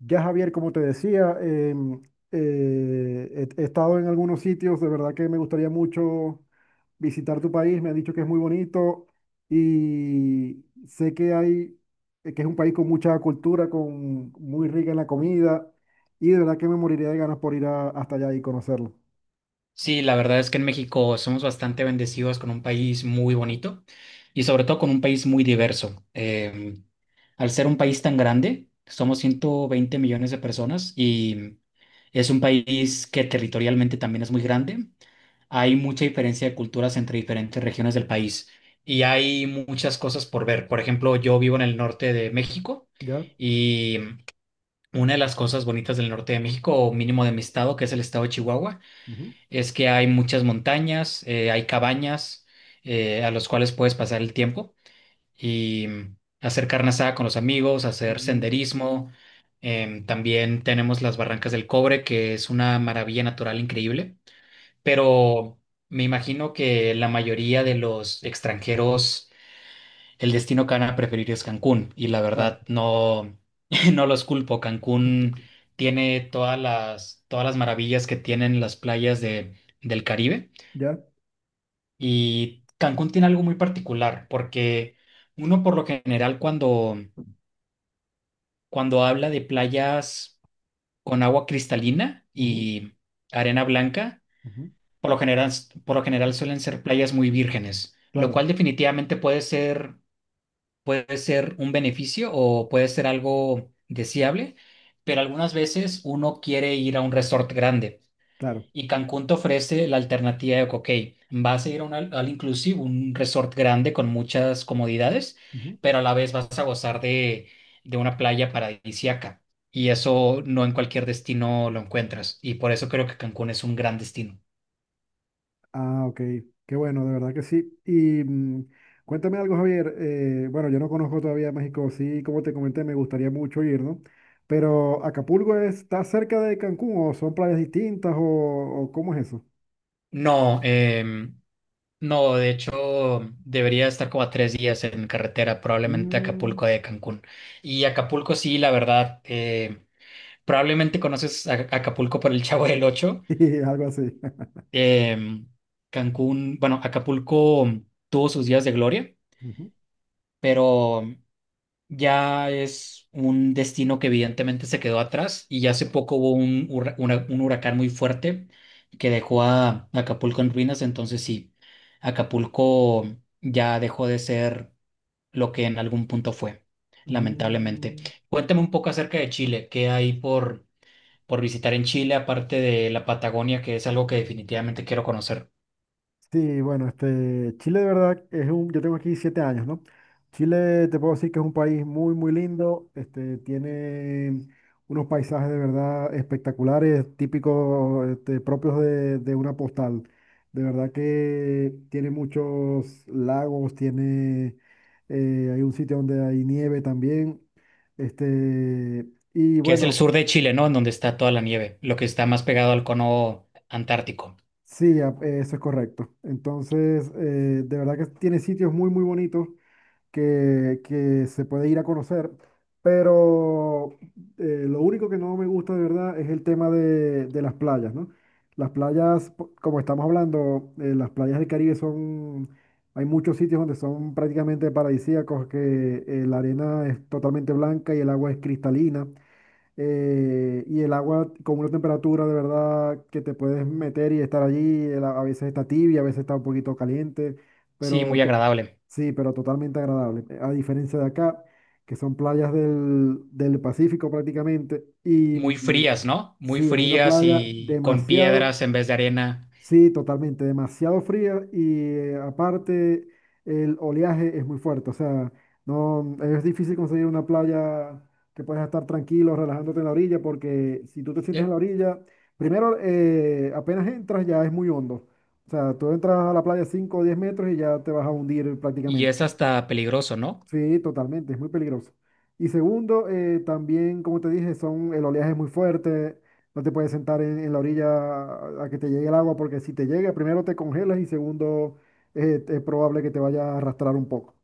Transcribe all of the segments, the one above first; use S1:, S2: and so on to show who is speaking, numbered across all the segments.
S1: Ya Javier, como te decía, he estado en algunos sitios, de verdad que me gustaría mucho visitar tu país, me han dicho que es muy bonito y sé que hay, que es un país con mucha cultura, con muy rica en la comida y de verdad que me moriría de ganas por hasta allá y conocerlo.
S2: Sí, la verdad es que en México somos bastante bendecidos con un país muy bonito y sobre todo con un país muy diverso. Al ser un país tan grande, somos 120 millones de personas y es un país que territorialmente también es muy grande. Hay mucha diferencia de culturas entre diferentes regiones del país y hay muchas cosas por ver. Por ejemplo, yo vivo en el norte de México
S1: ¿Ya?
S2: y una de las cosas bonitas del norte de México, o mínimo de mi estado, que es el estado de Chihuahua,
S1: Ujú,
S2: es que hay muchas montañas, hay cabañas a los cuales puedes pasar el tiempo y hacer carne asada con los amigos, hacer
S1: ujú,
S2: senderismo. También tenemos las Barrancas del Cobre, que es una maravilla natural increíble, pero me imagino que la mayoría de los extranjeros, el destino que van a preferir es Cancún, y la
S1: claro,
S2: verdad no, no los culpo. Cancún tiene todas las maravillas que tienen las playas de, del Caribe.
S1: ¿ya?
S2: Y Cancún tiene algo muy particular, porque uno por lo general cuando habla de playas con agua cristalina
S1: Ujú,
S2: y arena blanca,
S1: ujú,
S2: por lo general, por lo general suelen ser playas muy vírgenes, lo
S1: claro,
S2: cual definitivamente puede ser un beneficio o puede ser algo deseable, pero algunas veces uno quiere ir a un resort grande.
S1: claro.
S2: Y Cancún te ofrece la alternativa de, ok, vas a ir a un al all inclusive, un resort grande con muchas comodidades,
S1: Ujú.
S2: pero a la vez vas a gozar de una playa paradisíaca. Y eso no en cualquier destino lo encuentras. Y por eso creo que Cancún es un gran destino.
S1: Ah, ok. Qué bueno, de verdad que sí. Cuéntame algo, Javier. Bueno, yo no conozco todavía México. Sí, como te comenté, me gustaría mucho ir, ¿no? Pero, ¿Acapulco está cerca de Cancún o son playas distintas o cómo es eso?
S2: No, no, de hecho, debería estar como a tres días en carretera, probablemente a
S1: Mm,
S2: Acapulco de Cancún. Y Acapulco, sí, la verdad, probablemente conoces Acapulco por el Chavo del Ocho.
S1: y algo así.
S2: Em, Cancún, bueno, Acapulco tuvo sus días de gloria,
S1: Ujú.
S2: pero ya es un destino que evidentemente se quedó atrás, y ya hace poco hubo un huracán muy fuerte que dejó a Acapulco en ruinas, entonces sí, Acapulco ya dejó de ser lo que en algún punto fue, lamentablemente.
S1: Mm.
S2: Cuéntame un poco acerca de Chile, qué hay por visitar en Chile, aparte de la Patagonia, que es algo que definitivamente quiero conocer.
S1: Sí, bueno, este, Chile de verdad es un, yo tengo aquí 7 años, ¿no? Chile te puedo decir que es un país muy lindo, este, tiene unos paisajes de verdad espectaculares, típicos, este, propios de una postal. De verdad que tiene muchos lagos, tiene, hay un sitio donde hay nieve también, este, y
S2: Que es el
S1: bueno,
S2: sur de Chile, ¿no? En donde está toda la nieve, lo que está más pegado al cono antártico.
S1: eso es correcto. Entonces, de verdad que tiene sitios muy bonitos que se puede ir a conocer, pero lo único que no me gusta de verdad es el tema de las playas, ¿no? Las playas, como estamos hablando, las playas del Caribe son, hay muchos sitios donde son prácticamente paradisíacos, que la arena es totalmente blanca y el agua es cristalina, y el agua con una temperatura de verdad que te puedes meter y estar allí, el a veces está tibia, a veces está un poquito caliente,
S2: Sí, muy
S1: pero
S2: agradable.
S1: sí, pero totalmente agradable. A diferencia de acá, que son playas del Pacífico prácticamente,
S2: Muy frías, ¿no? Muy
S1: sí, es una
S2: frías
S1: playa
S2: y con
S1: demasiado,
S2: piedras en vez de arena.
S1: sí, totalmente, demasiado fría y, aparte, el oleaje es muy fuerte, o sea, no es difícil conseguir una playa que puedas estar tranquilo, relajándote en la orilla, porque si tú te sientes en
S2: Eh,
S1: la orilla, primero, apenas entras ya es muy hondo, o sea, tú entras a la playa 5 o 10 metros y ya te vas a hundir
S2: Y
S1: prácticamente.
S2: es hasta peligroso, ¿no?
S1: Sí, totalmente, es muy peligroso. Y segundo, también, como te dije, son, el oleaje es muy fuerte, no te puedes sentar en la orilla a que te llegue el agua, porque si te llega, primero te congelas y segundo, es probable que te vaya a arrastrar un poco.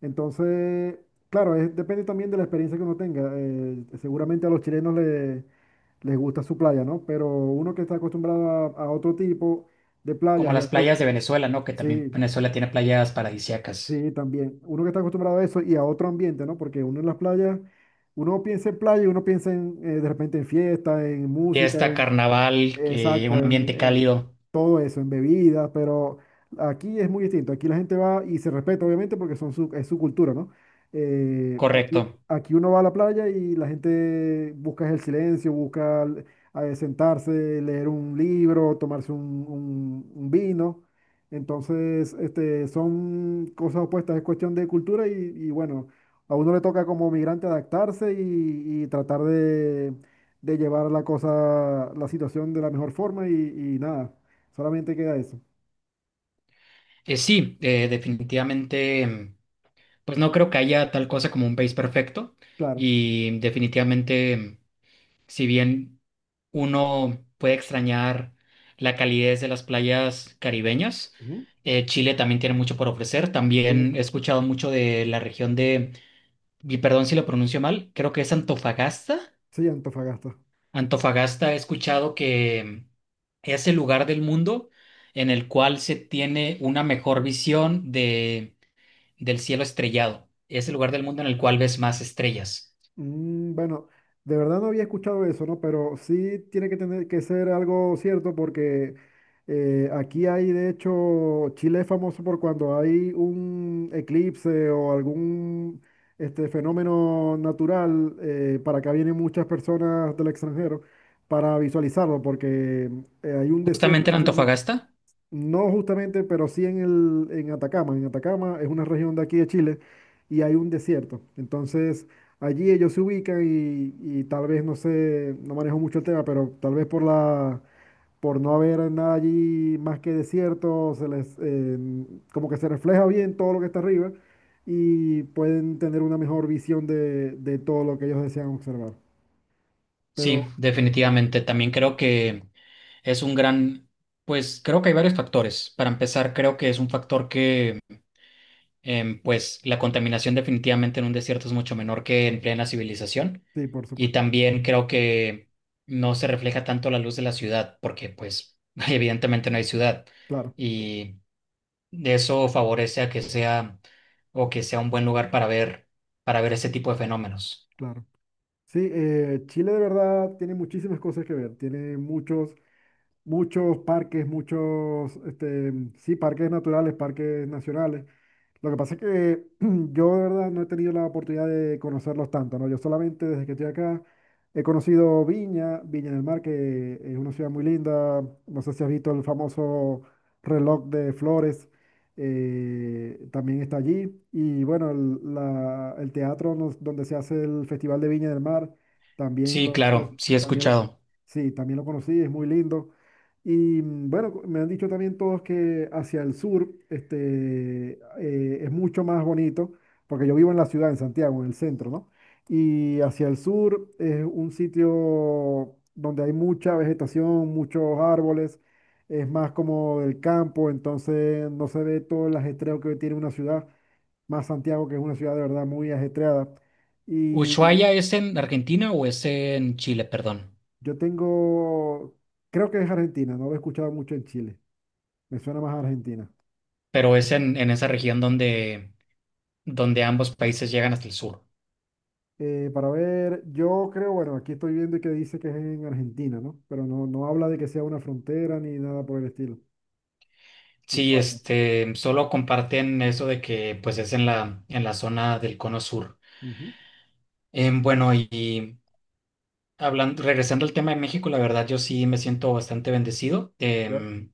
S1: Entonces, claro, depende también de la experiencia que uno tenga. Seguramente a los chilenos les gusta su playa, ¿no? Pero uno que está acostumbrado a otro tipo de
S2: Como
S1: playas y a
S2: las
S1: otro,
S2: playas de Venezuela, ¿no? Que también
S1: sí.
S2: Venezuela tiene playas paradisíacas.
S1: Sí, también. Uno que está acostumbrado a eso y a otro ambiente, ¿no? Porque uno en las playas, uno piensa en playa y uno piensa en, de repente en fiesta, en música,
S2: Fiesta,
S1: en,
S2: carnaval, un
S1: exacto,
S2: ambiente
S1: en
S2: cálido.
S1: todo eso, en bebidas, pero aquí es muy distinto. Aquí la gente va y se respeta, obviamente, porque son su, es su cultura, ¿no? Aquí,
S2: Correcto.
S1: aquí uno va a la playa y la gente busca el silencio, busca sentarse, leer un libro, tomarse un vino. Entonces, este, son cosas opuestas, es cuestión de cultura y bueno, a uno le toca como migrante adaptarse y tratar de llevar la cosa, la situación de la mejor forma y nada, solamente queda eso,
S2: Sí, definitivamente, pues no creo que haya tal cosa como un país perfecto,
S1: claro.
S2: y definitivamente, si bien uno puede extrañar la calidez de las playas caribeñas,
S1: Ujú.
S2: Chile también tiene mucho por ofrecer.
S1: Eh,
S2: También he escuchado mucho de la región de, y perdón si lo pronuncio mal, creo que es Antofagasta.
S1: Sí, Antofagasta.
S2: Antofagasta he escuchado que es el lugar del mundo en el cual se tiene una mejor visión de, del cielo estrellado. Es el lugar del mundo en el cual ves más estrellas.
S1: Mm, bueno, de verdad no había escuchado eso, ¿no? Pero sí tiene que tener que ser algo cierto porque aquí hay, de hecho, Chile es famoso por cuando hay un eclipse o algún este, fenómeno natural, para acá vienen muchas personas del extranjero para visualizarlo porque hay un desierto
S2: Justamente en
S1: que se llama...
S2: Antofagasta.
S1: No justamente, pero sí en en Atacama. En Atacama es una región de aquí de Chile y hay un desierto. Entonces, allí ellos se ubican y tal vez, no sé, no manejo mucho el tema, pero tal vez por por no haber nada allí más que desierto, se les, como que se refleja bien todo lo que está arriba y pueden tener una mejor visión de todo lo que ellos desean observar. Pero
S2: Sí, definitivamente. También creo que es un gran, pues creo que hay varios factores. Para empezar, creo que es un factor que, pues la contaminación definitivamente en un desierto es mucho menor que en plena civilización.
S1: sí, por
S2: Y
S1: supuesto,
S2: también creo que no se refleja tanto la luz de la ciudad, porque pues evidentemente no hay ciudad.
S1: claro,
S2: Y eso favorece a que sea o que sea un buen lugar para ver ese tipo de fenómenos.
S1: claro. Sí, Chile de verdad tiene muchísimas cosas que ver, tiene muchos, muchos parques, muchos, este, sí, parques naturales, parques nacionales. Lo que pasa es que yo de verdad no he tenido la oportunidad de conocerlos tanto, ¿no? Yo solamente desde que estoy acá he conocido Viña del Mar, que es una ciudad muy linda. No sé si has visto el famoso reloj de flores, también está allí. Y bueno, el donde se hace el Festival de Viña del Mar, también
S2: Sí,
S1: lo-
S2: claro, sí he
S1: también lo,
S2: escuchado.
S1: sí, también lo conocí, es muy lindo. Bueno, me han dicho también todos que hacia el sur este, es mucho más bonito, porque yo vivo en la ciudad, en Santiago, en el centro, ¿no? Y hacia el sur es un sitio donde hay mucha vegetación, muchos árboles, es más como el campo, entonces no se ve todo el ajetreo que tiene una ciudad, más Santiago, que es una ciudad de verdad muy ajetreada. Y
S2: ¿Ushuaia es en Argentina o es en Chile, perdón?
S1: yo tengo, creo que es Argentina, no lo he escuchado mucho en Chile, me suena más a Argentina.
S2: Pero es en esa región donde, donde ambos países llegan hasta el sur.
S1: Para ver, yo creo, bueno, aquí estoy viendo que dice que es en Argentina, ¿no? Pero no, no habla de que sea una frontera ni nada por el estilo.
S2: Sí,
S1: Ushuaia.
S2: este, solo comparten eso de que pues es en la zona del cono sur.
S1: Ujú,
S2: Bueno, y hablando, regresando al tema de México, la verdad yo sí me siento bastante bendecido.
S1: ¿ya?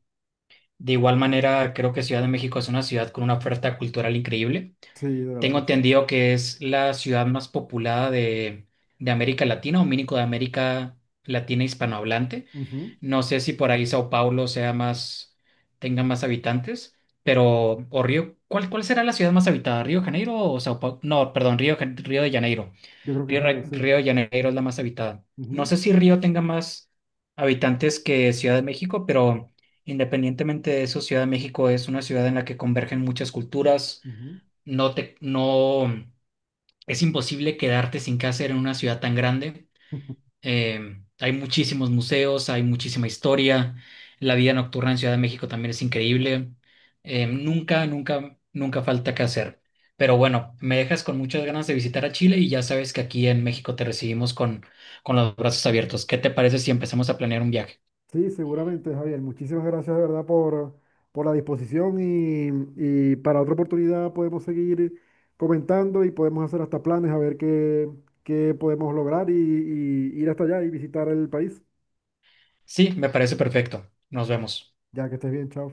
S2: De igual manera, creo que Ciudad de México es una ciudad con una oferta cultural increíble.
S1: Sí, de verdad
S2: Tengo
S1: que sí.
S2: entendido que es la ciudad más poblada de América Latina o mínimo de América Latina hispanohablante.
S1: Ujú,
S2: No sé si por ahí Sao Paulo sea más, tenga más habitantes, pero, o Río, cuál será la ciudad más habitada? ¿Río de Janeiro o Sao Paulo? No, perdón, Río, Río de Janeiro.
S1: yo creo que es
S2: Río,
S1: Río, sí.
S2: Río de Janeiro es la más habitada. No
S1: Ujú,
S2: sé si Río tenga más habitantes que Ciudad de México, pero independientemente de eso, Ciudad de México es una ciudad en la que convergen muchas culturas.
S1: ujú.
S2: No te, no, Es imposible quedarte sin qué hacer en una ciudad tan grande. Hay muchísimos museos, hay muchísima historia. La vida nocturna en Ciudad de México también es increíble. Nunca falta qué hacer. Pero bueno, me dejas con muchas ganas de visitar a Chile, y ya sabes que aquí en México te recibimos con los brazos abiertos. ¿Qué te parece si empezamos a planear un viaje?
S1: Sí, seguramente, Javier. Muchísimas gracias de verdad por la disposición y para otra oportunidad podemos seguir comentando y podemos hacer hasta planes a ver qué, qué podemos lograr y ir hasta allá y visitar el país.
S2: Sí, me parece perfecto. Nos vemos.
S1: Ya que estés bien, chao.